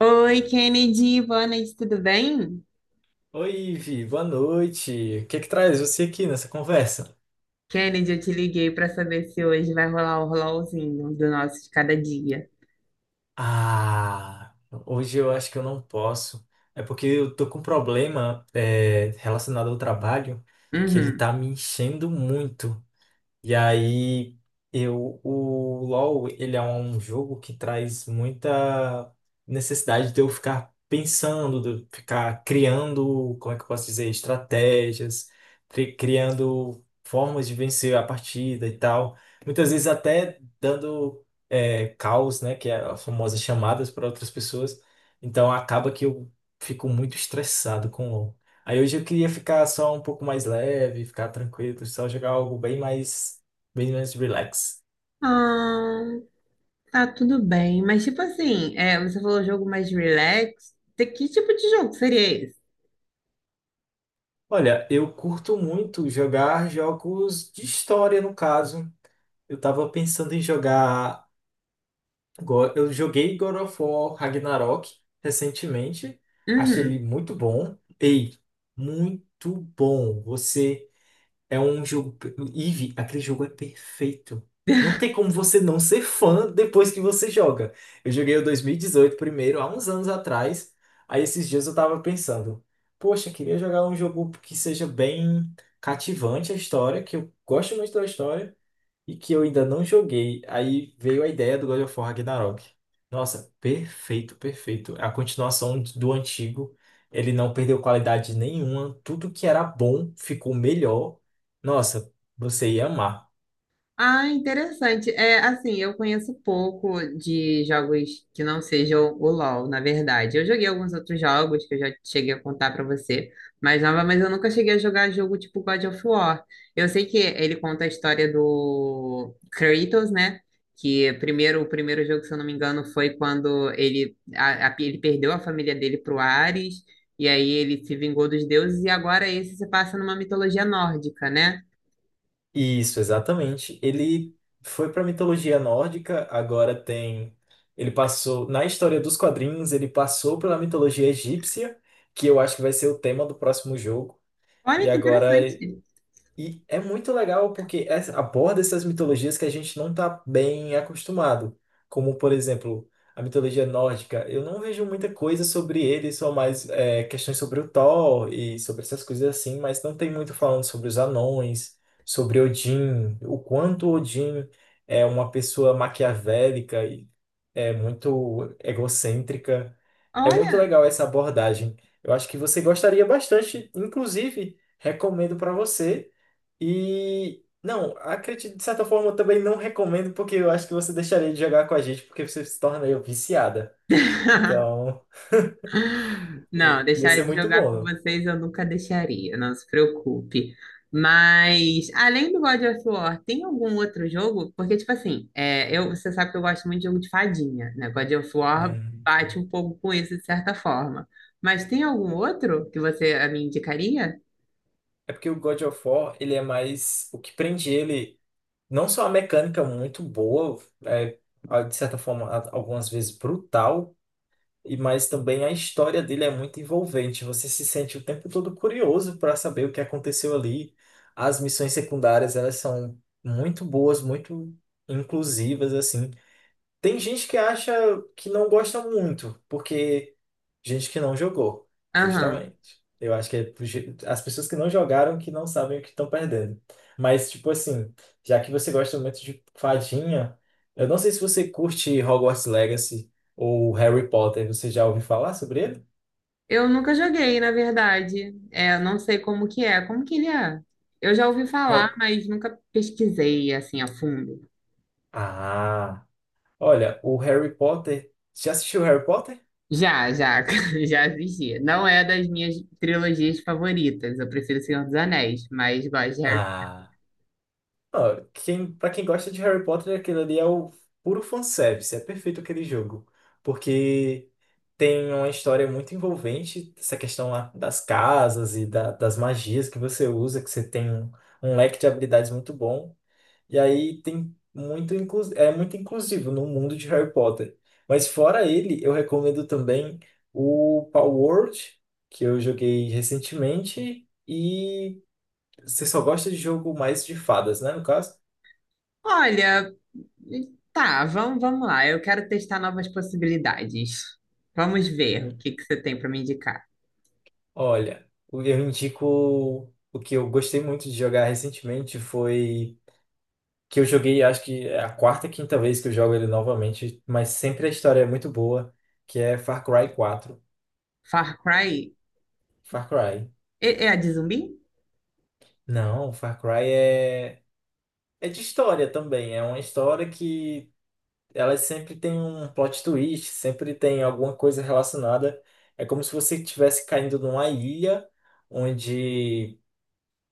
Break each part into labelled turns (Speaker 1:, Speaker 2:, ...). Speaker 1: Oi, Kennedy, boa noite, tudo bem?
Speaker 2: Oi, Vi, boa noite. O que que traz você aqui nessa conversa?
Speaker 1: Kennedy, eu te liguei para saber se hoje vai rolar o rolãozinho do nosso de cada dia.
Speaker 2: Ah, hoje eu acho que eu não posso. É porque eu tô com um problema relacionado ao trabalho que ele
Speaker 1: Uhum.
Speaker 2: tá me enchendo muito. E aí, eu, o LoL, ele é um jogo que traz muita necessidade de eu ficar pensando, de eu ficar criando, como é que eu posso dizer, estratégias, criando formas de vencer a partida e tal. Muitas vezes até dando calls, né, que é as famosas chamadas para outras pessoas. Então, acaba que eu fico muito estressado com o LoL. Aí hoje eu queria ficar só um pouco mais leve, ficar tranquilo, só jogar algo bem mais relax.
Speaker 1: Ah, tá tudo bem, mas tipo assim, é, você falou jogo mais relax. Que tipo de jogo seria esse?
Speaker 2: Olha, eu curto muito jogar jogos de história, no caso. Eu tava pensando em jogar. Eu joguei God of War Ragnarok recentemente. Achei
Speaker 1: Uhum.
Speaker 2: ele muito bom. Ei, muito bom. Você. É um jogo. Eve, aquele jogo é perfeito. Não tem como você não ser fã depois que você joga. Eu joguei o 2018 primeiro, há uns anos atrás. Aí esses dias eu tava pensando, poxa, queria jogar um jogo que seja bem cativante a história, que eu gosto muito da história, e que eu ainda não joguei. Aí veio a ideia do God of War Ragnarok. Nossa, perfeito, perfeito. É a continuação do antigo. Ele não perdeu qualidade nenhuma. Tudo que era bom ficou melhor. Nossa, você ia amar.
Speaker 1: Ah, interessante. É, assim, eu conheço pouco de jogos que não sejam o LoL, na verdade. Eu joguei alguns outros jogos que eu já cheguei a contar pra você, mas eu nunca cheguei a jogar jogo tipo God of War. Eu sei que ele conta a história do Kratos, né? Que primeiro, o primeiro jogo, se eu não me engano, foi quando ele, ele perdeu a família dele pro Ares, e aí ele se vingou dos deuses, e agora esse se passa numa mitologia nórdica, né?
Speaker 2: Isso, exatamente. Ele foi para mitologia nórdica, agora tem. Ele passou. Na história dos quadrinhos, ele passou pela mitologia egípcia, que eu acho que vai ser o tema do próximo jogo.
Speaker 1: Olha
Speaker 2: E
Speaker 1: que
Speaker 2: agora
Speaker 1: interessante.
Speaker 2: E é muito legal porque aborda essas mitologias que a gente não está bem acostumado. Como, por exemplo, a mitologia nórdica. Eu não vejo muita coisa sobre ele, só mais questões sobre o Thor e sobre essas coisas assim, mas não tem muito falando sobre os anões, sobre Odin, o quanto Odin é uma pessoa maquiavélica e é muito egocêntrica. É muito
Speaker 1: Olha.
Speaker 2: legal essa abordagem. Eu acho que você gostaria bastante, inclusive, recomendo para você. E não, acredito, de certa forma, eu também não recomendo, porque eu acho que você deixaria de jogar com a gente, porque você se tornaria viciada. Então,
Speaker 1: Não,
Speaker 2: ia
Speaker 1: deixar
Speaker 2: ser
Speaker 1: de
Speaker 2: muito
Speaker 1: jogar com
Speaker 2: bom.
Speaker 1: vocês eu nunca deixaria, não se preocupe. Mas, além do God of War, tem algum outro jogo? Porque, tipo assim, é, eu, você sabe que eu gosto muito de jogo de fadinha, né? God of War
Speaker 2: Hum.
Speaker 1: bate um pouco com isso, de certa forma. Mas tem algum outro que você a me indicaria?
Speaker 2: É porque o God of War, ele é mais. O que prende ele, não só a mecânica muito boa, é, de certa forma, algumas vezes brutal. E mas também a história dele é muito envolvente. Você se sente o tempo todo curioso para saber o que aconteceu ali. As missões secundárias, elas são muito boas, muito inclusivas assim. Tem gente que acha que não gosta muito, porque gente que não jogou,
Speaker 1: Aham.
Speaker 2: justamente. Eu acho que é as pessoas que não jogaram que não sabem o que estão perdendo. Mas, tipo assim, já que você gosta muito de fadinha, eu não sei se você curte Hogwarts Legacy ou Harry Potter. Você já ouviu falar sobre ele?
Speaker 1: Eu nunca joguei, na verdade. É, eu não sei como que é. Como que ele é? Eu já ouvi falar,
Speaker 2: Ho-
Speaker 1: mas nunca pesquisei, assim, a fundo.
Speaker 2: Ah, olha, o Harry Potter. Já assistiu Harry Potter?
Speaker 1: Já, já, já assisti. Não é das minhas trilogias favoritas. Eu prefiro Senhor dos Anéis, mas gosto de Harry.
Speaker 2: Ah, ó, quem, para quem gosta de Harry Potter, aquilo ali é o puro fanservice, é perfeito aquele jogo. Porque. Tem uma história muito envolvente, essa questão lá das casas e das magias que você usa, que você tem um, um leque de habilidades muito bom. E aí tem muito é muito inclusivo no mundo de Harry Potter. Mas fora ele, eu recomendo também o Palworld, que eu joguei recentemente. E você só gosta de jogo mais de fadas, né, no caso?
Speaker 1: Olha, tá, vamos lá. Eu quero testar novas possibilidades. Vamos ver o que que você tem para me indicar.
Speaker 2: Olha, eu indico o que eu gostei muito de jogar recentemente foi que eu joguei, acho que é a 4ª, 5ª vez que eu jogo ele novamente, mas sempre a história é muito boa, que é Far Cry 4.
Speaker 1: Far Cry
Speaker 2: Far Cry.
Speaker 1: é, é a de zumbi?
Speaker 2: Não, Far Cry é de história também, é uma história que ela sempre tem um plot twist, sempre tem alguma coisa relacionada. É como se você estivesse caindo numa ilha onde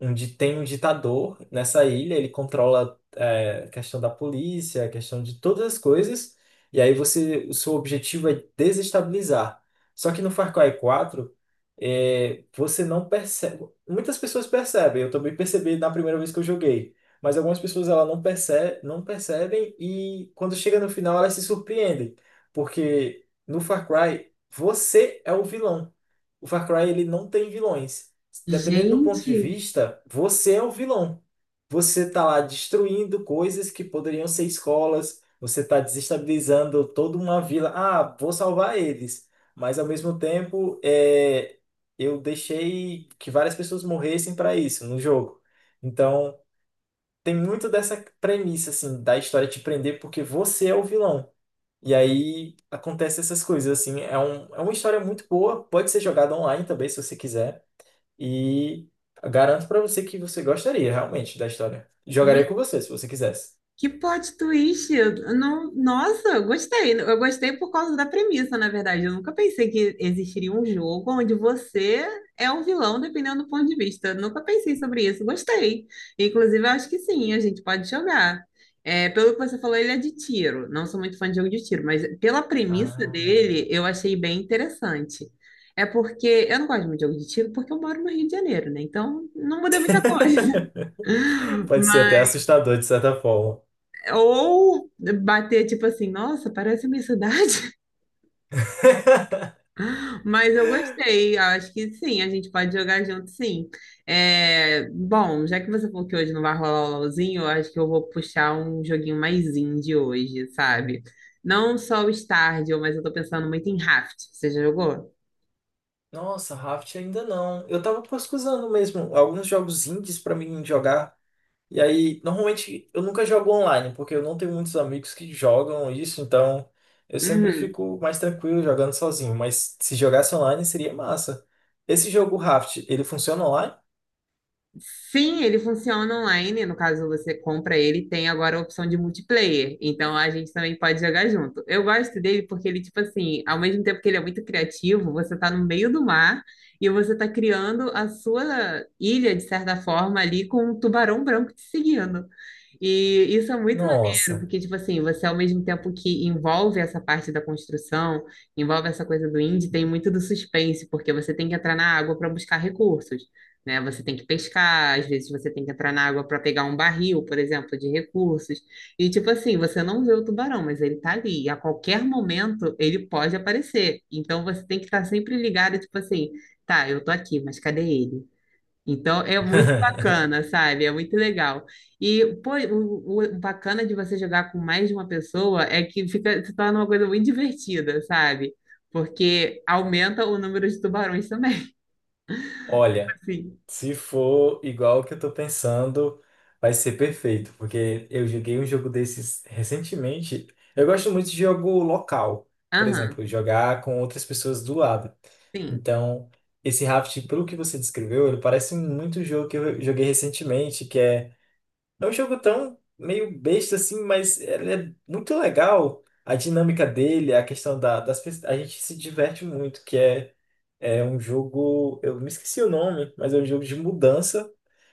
Speaker 2: tem um ditador nessa ilha, ele controla a questão da polícia, a questão de todas as coisas, e aí você, o seu objetivo é desestabilizar. Só que no Far Cry 4, é, você não percebe. Muitas pessoas percebem, eu também percebi na primeira vez que eu joguei, mas algumas pessoas ela não percebe, não percebem e quando chega no final elas se surpreendem, porque no Far Cry você é o vilão. O Far Cry ele não tem vilões, dependendo do ponto de
Speaker 1: Gente,
Speaker 2: vista, você é o vilão. Você está lá destruindo coisas que poderiam ser escolas, você está desestabilizando toda uma vila. Ah, vou salvar eles, mas ao mesmo tempo eu deixei que várias pessoas morressem para isso no jogo. Então, tem muito dessa premissa assim da história te prender porque você é o vilão. E aí acontece essas coisas assim, é uma história muito boa, pode ser jogada online também se você quiser. E garanto pra você que você gostaria realmente da história. Jogaria
Speaker 1: gente,
Speaker 2: com você, se você quisesse.
Speaker 1: que plot twist! Eu Não, nossa, eu gostei. Eu gostei por causa da premissa, na verdade. Eu nunca pensei que existiria um jogo onde você é o vilão, dependendo do ponto de vista. Eu nunca pensei sobre isso. Gostei. Inclusive, eu acho que sim, a gente pode jogar. É, pelo que você falou, ele é de tiro. Não sou muito fã de jogo de tiro, mas pela premissa
Speaker 2: Ah.
Speaker 1: dele, eu achei bem interessante. É porque eu não gosto muito de jogo de tiro porque eu moro no Rio de Janeiro, né? Então não muda muita coisa.
Speaker 2: Pode ser até
Speaker 1: Mas
Speaker 2: assustador, de certa forma.
Speaker 1: ou bater tipo assim, nossa, parece a minha cidade. Mas eu gostei, acho que sim, a gente pode jogar junto, sim. É, bom, já que você falou que hoje não vai rolar o LOLzinho, eu acho que eu vou puxar um joguinho mais indie hoje, sabe? Não só o Stardew, mas eu tô pensando muito em Raft. Você já jogou?
Speaker 2: Nossa, Raft ainda não. Eu tava pesquisando mesmo alguns jogos indies pra mim jogar. E aí, normalmente eu nunca jogo online, porque eu não tenho muitos amigos que jogam isso, então eu sempre
Speaker 1: Uhum.
Speaker 2: fico mais tranquilo jogando sozinho. Mas se jogasse online seria massa. Esse jogo Raft, ele funciona online?
Speaker 1: Sim, ele funciona online. No caso, você compra ele, e tem agora a opção de multiplayer. Então a gente também pode jogar junto. Eu gosto dele porque ele, tipo assim, ao mesmo tempo que ele é muito criativo, você tá no meio do mar e você tá criando a sua ilha, de certa forma, ali com um tubarão branco te seguindo. E isso é muito maneiro,
Speaker 2: Nossa.
Speaker 1: porque, tipo assim, você ao mesmo tempo que envolve essa parte da construção, envolve essa coisa do indie, tem muito do suspense, porque você tem que entrar na água para buscar recursos né? Você tem que pescar, às vezes você tem que entrar na água para pegar um barril, por exemplo, de recursos. E tipo assim, você não vê o tubarão, mas ele tá ali. E a qualquer momento ele pode aparecer. Então você tem que estar sempre ligado, tipo assim, tá, eu tô aqui, mas cadê ele? Então é muito bacana, sabe? É muito legal. E pô, o bacana de você jogar com mais de uma pessoa é que fica se torna uma coisa muito divertida, sabe? Porque aumenta o número de tubarões também.
Speaker 2: Olha,
Speaker 1: Assim.
Speaker 2: se for igual o que eu tô pensando, vai ser perfeito, porque eu joguei um jogo desses recentemente. Eu gosto muito de jogo local, por
Speaker 1: Aham,
Speaker 2: exemplo, jogar com outras pessoas do lado.
Speaker 1: sim.
Speaker 2: Então, esse Raft, pelo que você descreveu, ele parece muito o jogo que eu joguei recentemente, que é, é um jogo tão meio besta assim, mas ele é muito legal. A dinâmica dele, a questão da, das pessoas, a gente se diverte muito, que é é um jogo, eu me esqueci o nome, mas é um jogo de mudança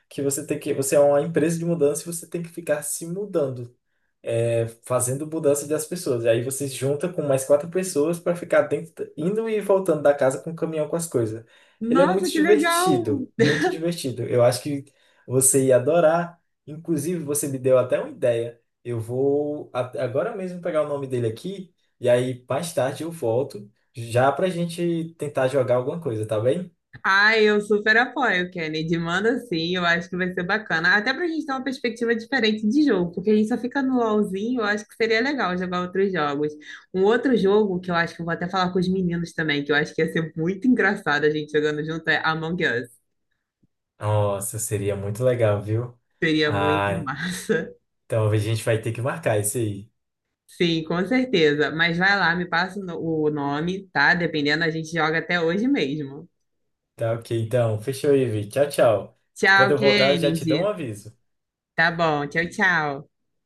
Speaker 2: que você tem que, você é uma empresa de mudança e você tem que ficar se mudando, é, fazendo mudança das pessoas. E aí você se junta com mais quatro pessoas para ficar dentro, indo e voltando da casa com o caminhão com as coisas. Ele é
Speaker 1: Nossa,
Speaker 2: muito
Speaker 1: que legal!
Speaker 2: divertido, muito divertido. Eu acho que você ia adorar. Inclusive, você me deu até uma ideia. Eu vou agora mesmo pegar o nome dele aqui e aí mais tarde eu volto já pra gente tentar jogar alguma coisa, tá bem?
Speaker 1: Ai, eu super apoio, Kennedy. Manda sim, eu acho que vai ser bacana. Até pra gente ter uma perspectiva diferente de jogo, porque a gente só fica no LOLzinho, eu acho que seria legal jogar outros jogos. Um outro jogo que eu acho que eu vou até falar com os meninos também, que eu acho que ia ser muito engraçado a gente jogando junto, é Among Us.
Speaker 2: Nossa, seria muito legal, viu?
Speaker 1: Seria muito
Speaker 2: Ah,
Speaker 1: massa.
Speaker 2: então a gente vai ter que marcar isso aí.
Speaker 1: Sim, com certeza. Mas vai lá, me passa o no- o nome, tá? Dependendo, a gente joga até hoje mesmo.
Speaker 2: Tá ok, então. Fechou, Ivi. Tchau, tchau. Quando
Speaker 1: Tchau,
Speaker 2: eu voltar, eu já te dou um
Speaker 1: Kennedy.
Speaker 2: aviso.
Speaker 1: Tá bom, tchau, tchau.